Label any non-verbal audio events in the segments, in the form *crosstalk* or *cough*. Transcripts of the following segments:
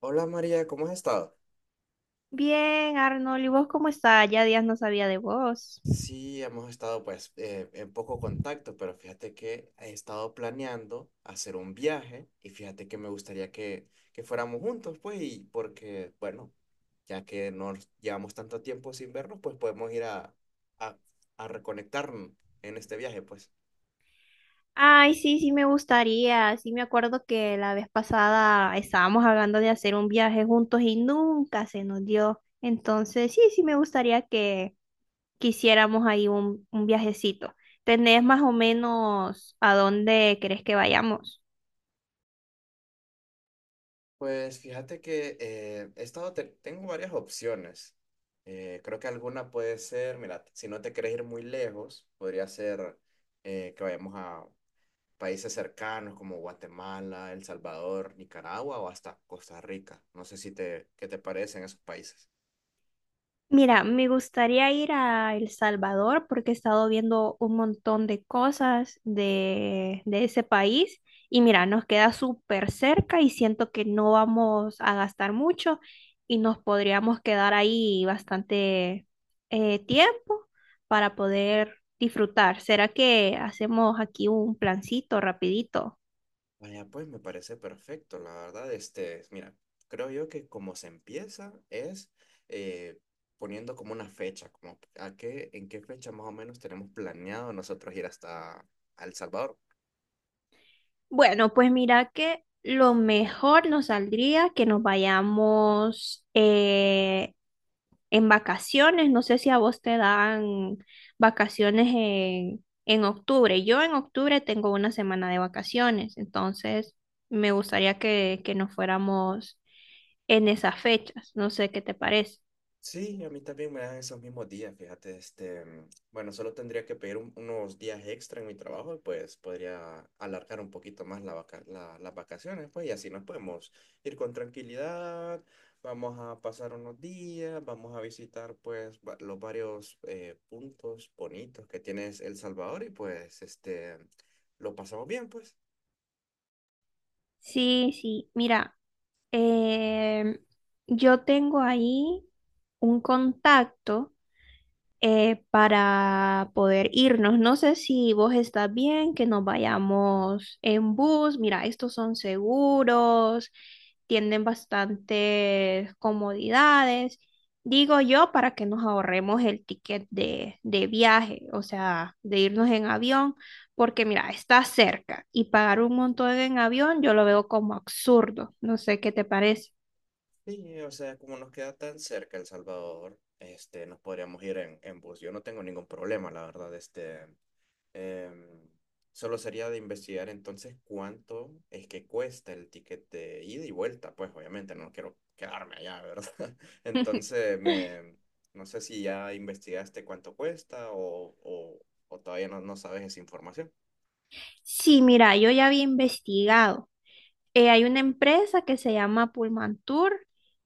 Hola María, ¿cómo has estado? Bien, Arnold, ¿y vos cómo está? Ya días no sabía de vos. Sí, hemos estado en poco contacto, pero fíjate que he estado planeando hacer un viaje y fíjate que me gustaría que fuéramos juntos, pues, y porque, bueno, ya que nos llevamos tanto tiempo sin vernos, pues podemos ir a, a reconectarnos en este viaje, pues. Ay, sí, sí me gustaría. Sí me acuerdo que la vez pasada estábamos hablando de hacer un viaje juntos y nunca se nos dio. Entonces, sí, sí me gustaría que quisiéramos ahí un viajecito. ¿Tenés más o menos a dónde querés que vayamos? Pues fíjate que tengo varias opciones. Creo que alguna puede ser, mira, si no te querés ir muy lejos, podría ser que vayamos a países cercanos como Guatemala, El Salvador, Nicaragua o hasta Costa Rica. No sé si te, qué te parecen esos países. Mira, me gustaría ir a El Salvador porque he estado viendo un montón de cosas de ese país y mira, nos queda súper cerca y siento que no vamos a gastar mucho y nos podríamos quedar ahí bastante tiempo para poder disfrutar. ¿Será que hacemos aquí un plancito rapidito? Vaya, pues me parece perfecto, la verdad, este, mira, creo yo que como se empieza es eh, poniendo como una fecha, como a qué, en qué fecha más o menos tenemos planeado nosotros ir hasta a El Salvador. Bueno, pues mira que lo mejor nos saldría que nos vayamos en vacaciones. No sé si a vos te dan vacaciones en octubre. Yo en octubre tengo una semana de vacaciones, entonces me gustaría que nos fuéramos en esas fechas. No sé qué te parece. Sí, a mí también me dan esos mismos días, fíjate, este, bueno, solo tendría que pedir unos días extra en mi trabajo y pues podría alargar un poquito más las vacaciones, pues, y así nos podemos ir con tranquilidad, vamos a pasar unos días, vamos a visitar pues los varios puntos bonitos que tiene El Salvador y pues, este, lo pasamos bien, pues. Sí, sí, mira, em, yo tengo ahí un contacto para poder irnos. No sé si vos estás bien, que nos vayamos en bus. Mira, estos son seguros, tienen bastantes comodidades. Digo yo, para que nos ahorremos el ticket de viaje, o sea, de irnos en avión, porque mira, está cerca y pagar un montón en avión yo lo veo como absurdo. No sé qué te parece. Sí, o sea, como nos queda tan cerca El Salvador, este, nos podríamos ir en bus. Yo no tengo ningún problema, la verdad, este, em, solo sería de investigar entonces cuánto es que cuesta el ticket de ida y vuelta, pues obviamente no quiero quedarme allá, ¿verdad? *laughs* *laughs* Entonces, me, no sé si ya investigaste cuánto cuesta o todavía no sabes esa información. Sí, mira, yo ya había investigado. Hay una empresa que se llama Pullman Tour.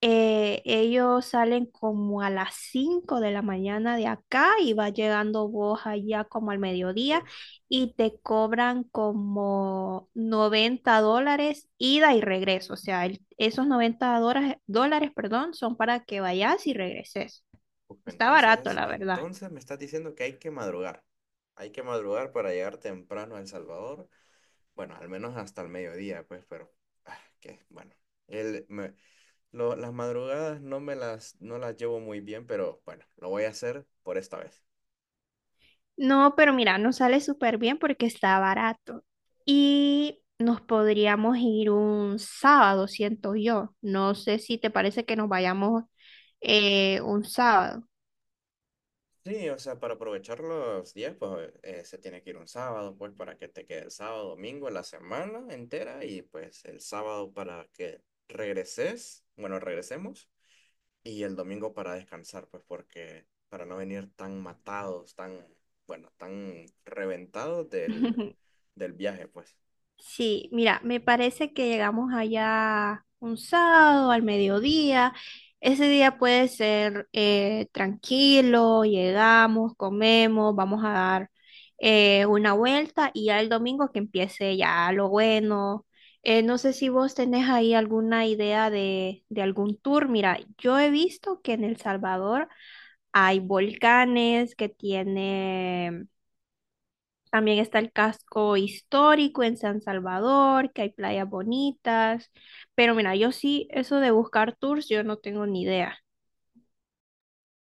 Ellos salen como a las 5 de la mañana de acá y va llegando vos allá como al mediodía y te cobran como $90 ida y regreso. O sea, el- esos $90, dólares, perdón, son para que vayas y regreses. Uf, Está barato, Entonces, la verdad. entonces me estás diciendo que hay que madrugar. Hay que madrugar para llegar temprano a El Salvador. Bueno, al menos hasta el mediodía, pues, pero ah, que bueno. El, me- las madrugadas no me no las llevo muy bien, pero bueno, lo voy a hacer por esta vez. No, pero mira, nos sale súper bien porque está barato. Y nos podríamos ir un sábado, siento yo. No sé si te parece que nos vayamos un sábado. Sí, o sea, para aprovechar los días, se tiene que ir un sábado, pues para que te quede el sábado, domingo, la semana entera y pues el sábado para que regreses, bueno, regresemos. Y el domingo para descansar, pues porque para no venir tan matados, tan, bueno, tan reventados *laughs* del viaje, pues. Sí, mira, me parece que llegamos allá un sábado al mediodía. Ese día puede ser tranquilo, llegamos, comemos, vamos a dar una vuelta y ya el domingo que empiece ya lo bueno. No sé si vos tenés ahí alguna idea de algún tour. Mira, yo he visto que en El Salvador hay volcanes que tienen también está el casco histórico en San Salvador, que hay playas bonitas. Pero mira, yo sí, eso de buscar tours, yo no tengo ni idea.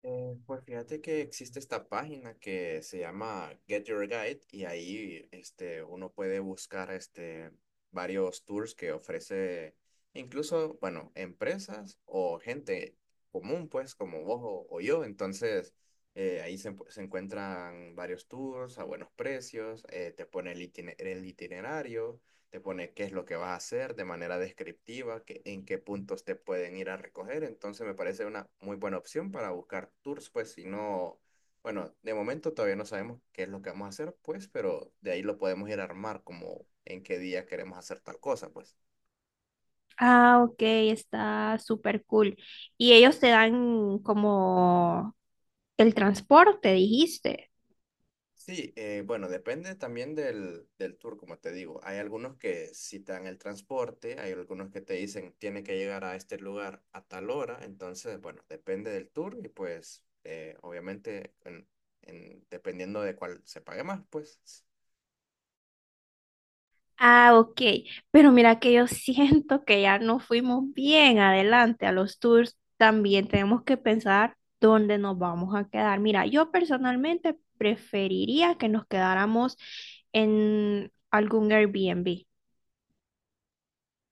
Pues fíjate que existe esta página que se llama Get Your Guide y ahí este, uno puede buscar este, varios tours que ofrece incluso, bueno, empresas o gente común, pues como vos o yo. Entonces ahí se encuentran varios tours a buenos precios, te pone el itinerario, te pone qué es lo que vas a hacer de manera descriptiva, en qué puntos te pueden ir a recoger. Entonces me parece una muy buena opción para buscar tours, pues si no, bueno, de momento todavía no sabemos qué es lo que vamos a hacer, pues, pero de ahí lo podemos ir a armar como en qué día queremos hacer tal cosa, pues. Ah, ok, está súper cool. Y ellos te dan como el transporte, dijiste. Sí, bueno, depende también del tour, como te digo. Hay algunos que sí te dan el transporte, hay algunos que te dicen tiene que llegar a este lugar a tal hora, entonces, bueno, depende del tour y pues obviamente dependiendo de cuál se pague más, pues. Ah, ok. Pero mira que yo *laughs* siento que ya no fuimos bien adelante a los tours. También tenemos que pensar dónde nos vamos a quedar. Mira, yo personalmente preferiría que nos quedáramos en algún Airbnb.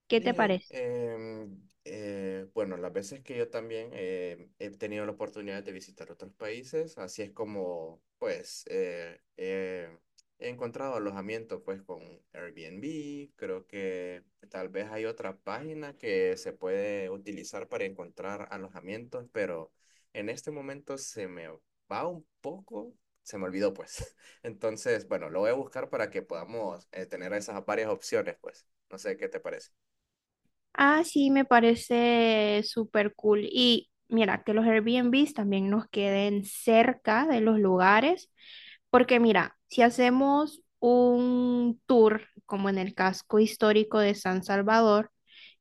¿Qué te Sí, parece? Bueno, las veces que yo también he tenido la oportunidad de visitar otros países, así es como, pues, he encontrado alojamiento, pues, con Airbnb. Creo que tal vez hay otra página que se puede utilizar para encontrar alojamientos, pero en este momento se me va un poco, se me olvidó, pues. *laughs* Entonces, bueno, lo voy a buscar para que podamos tener esas varias opciones, pues. No sé qué te parece. Ah, sí, me parece súper cool. Y mira, que los Airbnbs también nos queden cerca de los lugares, porque mira, si hacemos un tour como en el casco histórico de San Salvador,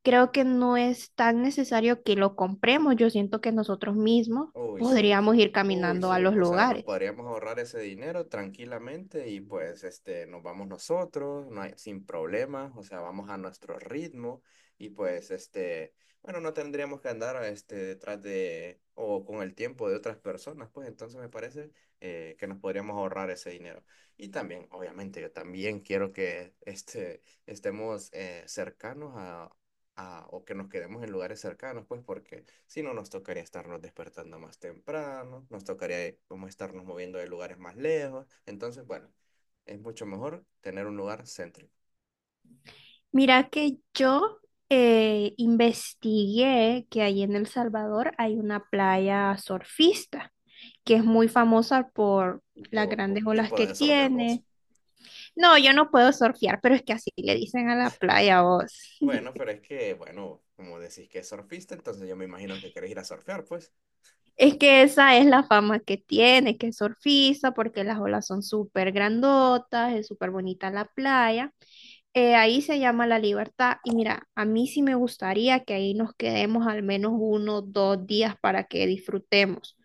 creo que no es tan necesario que lo compremos. Yo siento que nosotros mismos Uy, sí. podríamos ir Uy, caminando a sí. los O sea, nos lugares. podríamos ahorrar ese dinero tranquilamente y pues este, nos vamos nosotros, no hay, sin problemas, o sea, vamos a nuestro ritmo y pues este, bueno, no tendríamos que andar este, detrás de o con el tiempo de otras personas, pues entonces me parece que nos podríamos ahorrar ese dinero. Y también, obviamente, yo también quiero que este, estemos cercanos o que nos quedemos en lugares cercanos, pues porque... Si no, nos tocaría estarnos despertando más temprano, nos tocaría como estarnos moviendo de lugares más lejos. Entonces, bueno, es mucho mejor tener un lugar céntrico Mira que yo investigué que allí en El Salvador hay una playa surfista que es muy famosa por y, las po- grandes y olas que poder surfear vos. tiene. No, yo no puedo surfear, pero es que así le dicen a la playa vos. Bueno, *laughs* pero es que, bueno, como decís que es surfista, entonces yo me imagino que querés ir a surfear, pues. Es que esa es la fama que tiene, que es surfista, porque las olas son súper grandotas, es súper bonita la playa. Ahí se llama La Libertad y mira, a mí sí me gustaría que ahí nos quedemos al menos uno, 2 días para que disfrutemos.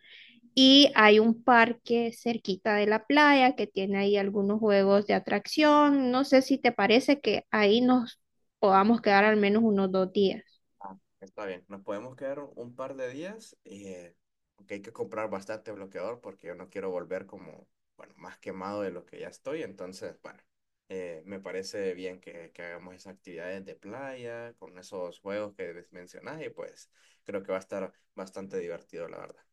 Y hay un parque cerquita de la playa que tiene ahí algunos juegos de atracción. No sé si te parece que ahí nos podamos quedar al menos unos 2 días. Ah, está bien, nos podemos quedar un par de días, aunque hay que comprar bastante bloqueador porque yo no quiero volver como, bueno, más quemado de lo que ya estoy, entonces, bueno, me parece bien que hagamos esas actividades de playa con esos juegos que mencionas y pues creo que va a estar bastante divertido, la verdad.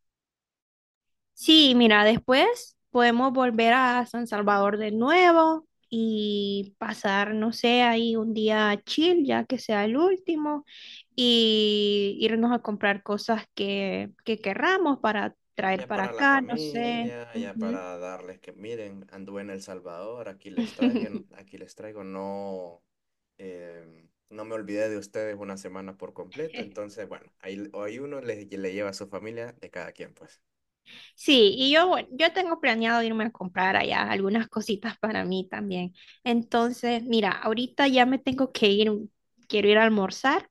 Sí, mira, después podemos volver a San Salvador de nuevo y pasar, no sé, ahí un día chill, ya que sea el último, y irnos a comprar cosas que querramos para traer Ya para para la acá, no sé. familia, ya Ujú. para darles que miren, anduve en El Salvador, *laughs* aquí les traigo, no, no me olvidé de ustedes una semana por completo, entonces bueno, ahí uno le lleva a su familia de cada quien, pues. Sí, y yo, bueno, yo tengo planeado irme a comprar allá algunas cositas para mí también. Entonces, mira, ahorita ya me tengo que ir, quiero ir a almorzar,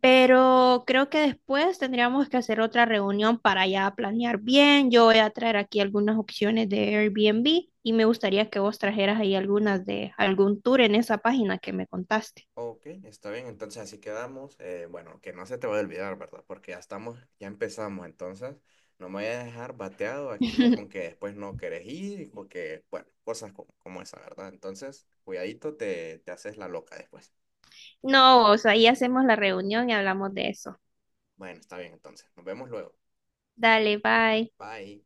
pero creo que después tendríamos que hacer otra reunión para ya planear bien. Yo voy a traer aquí algunas opciones de Airbnb y me gustaría que vos trajeras ahí algunas de algún tour en esa página que me contaste. Ok, está bien, entonces así quedamos. Bueno, que no se te va a olvidar, ¿verdad? Porque ya estamos, ya empezamos, entonces no me voy a dejar bateado aquí con que *laughs* después no querés ir, y porque, bueno, cosas como, como esa, ¿verdad? Entonces, cuidadito, te haces la loca después. No, o sea, ahí hacemos la reunión y hablamos de eso. Bueno, está bien, entonces, nos vemos luego. Dale, bye. Bye.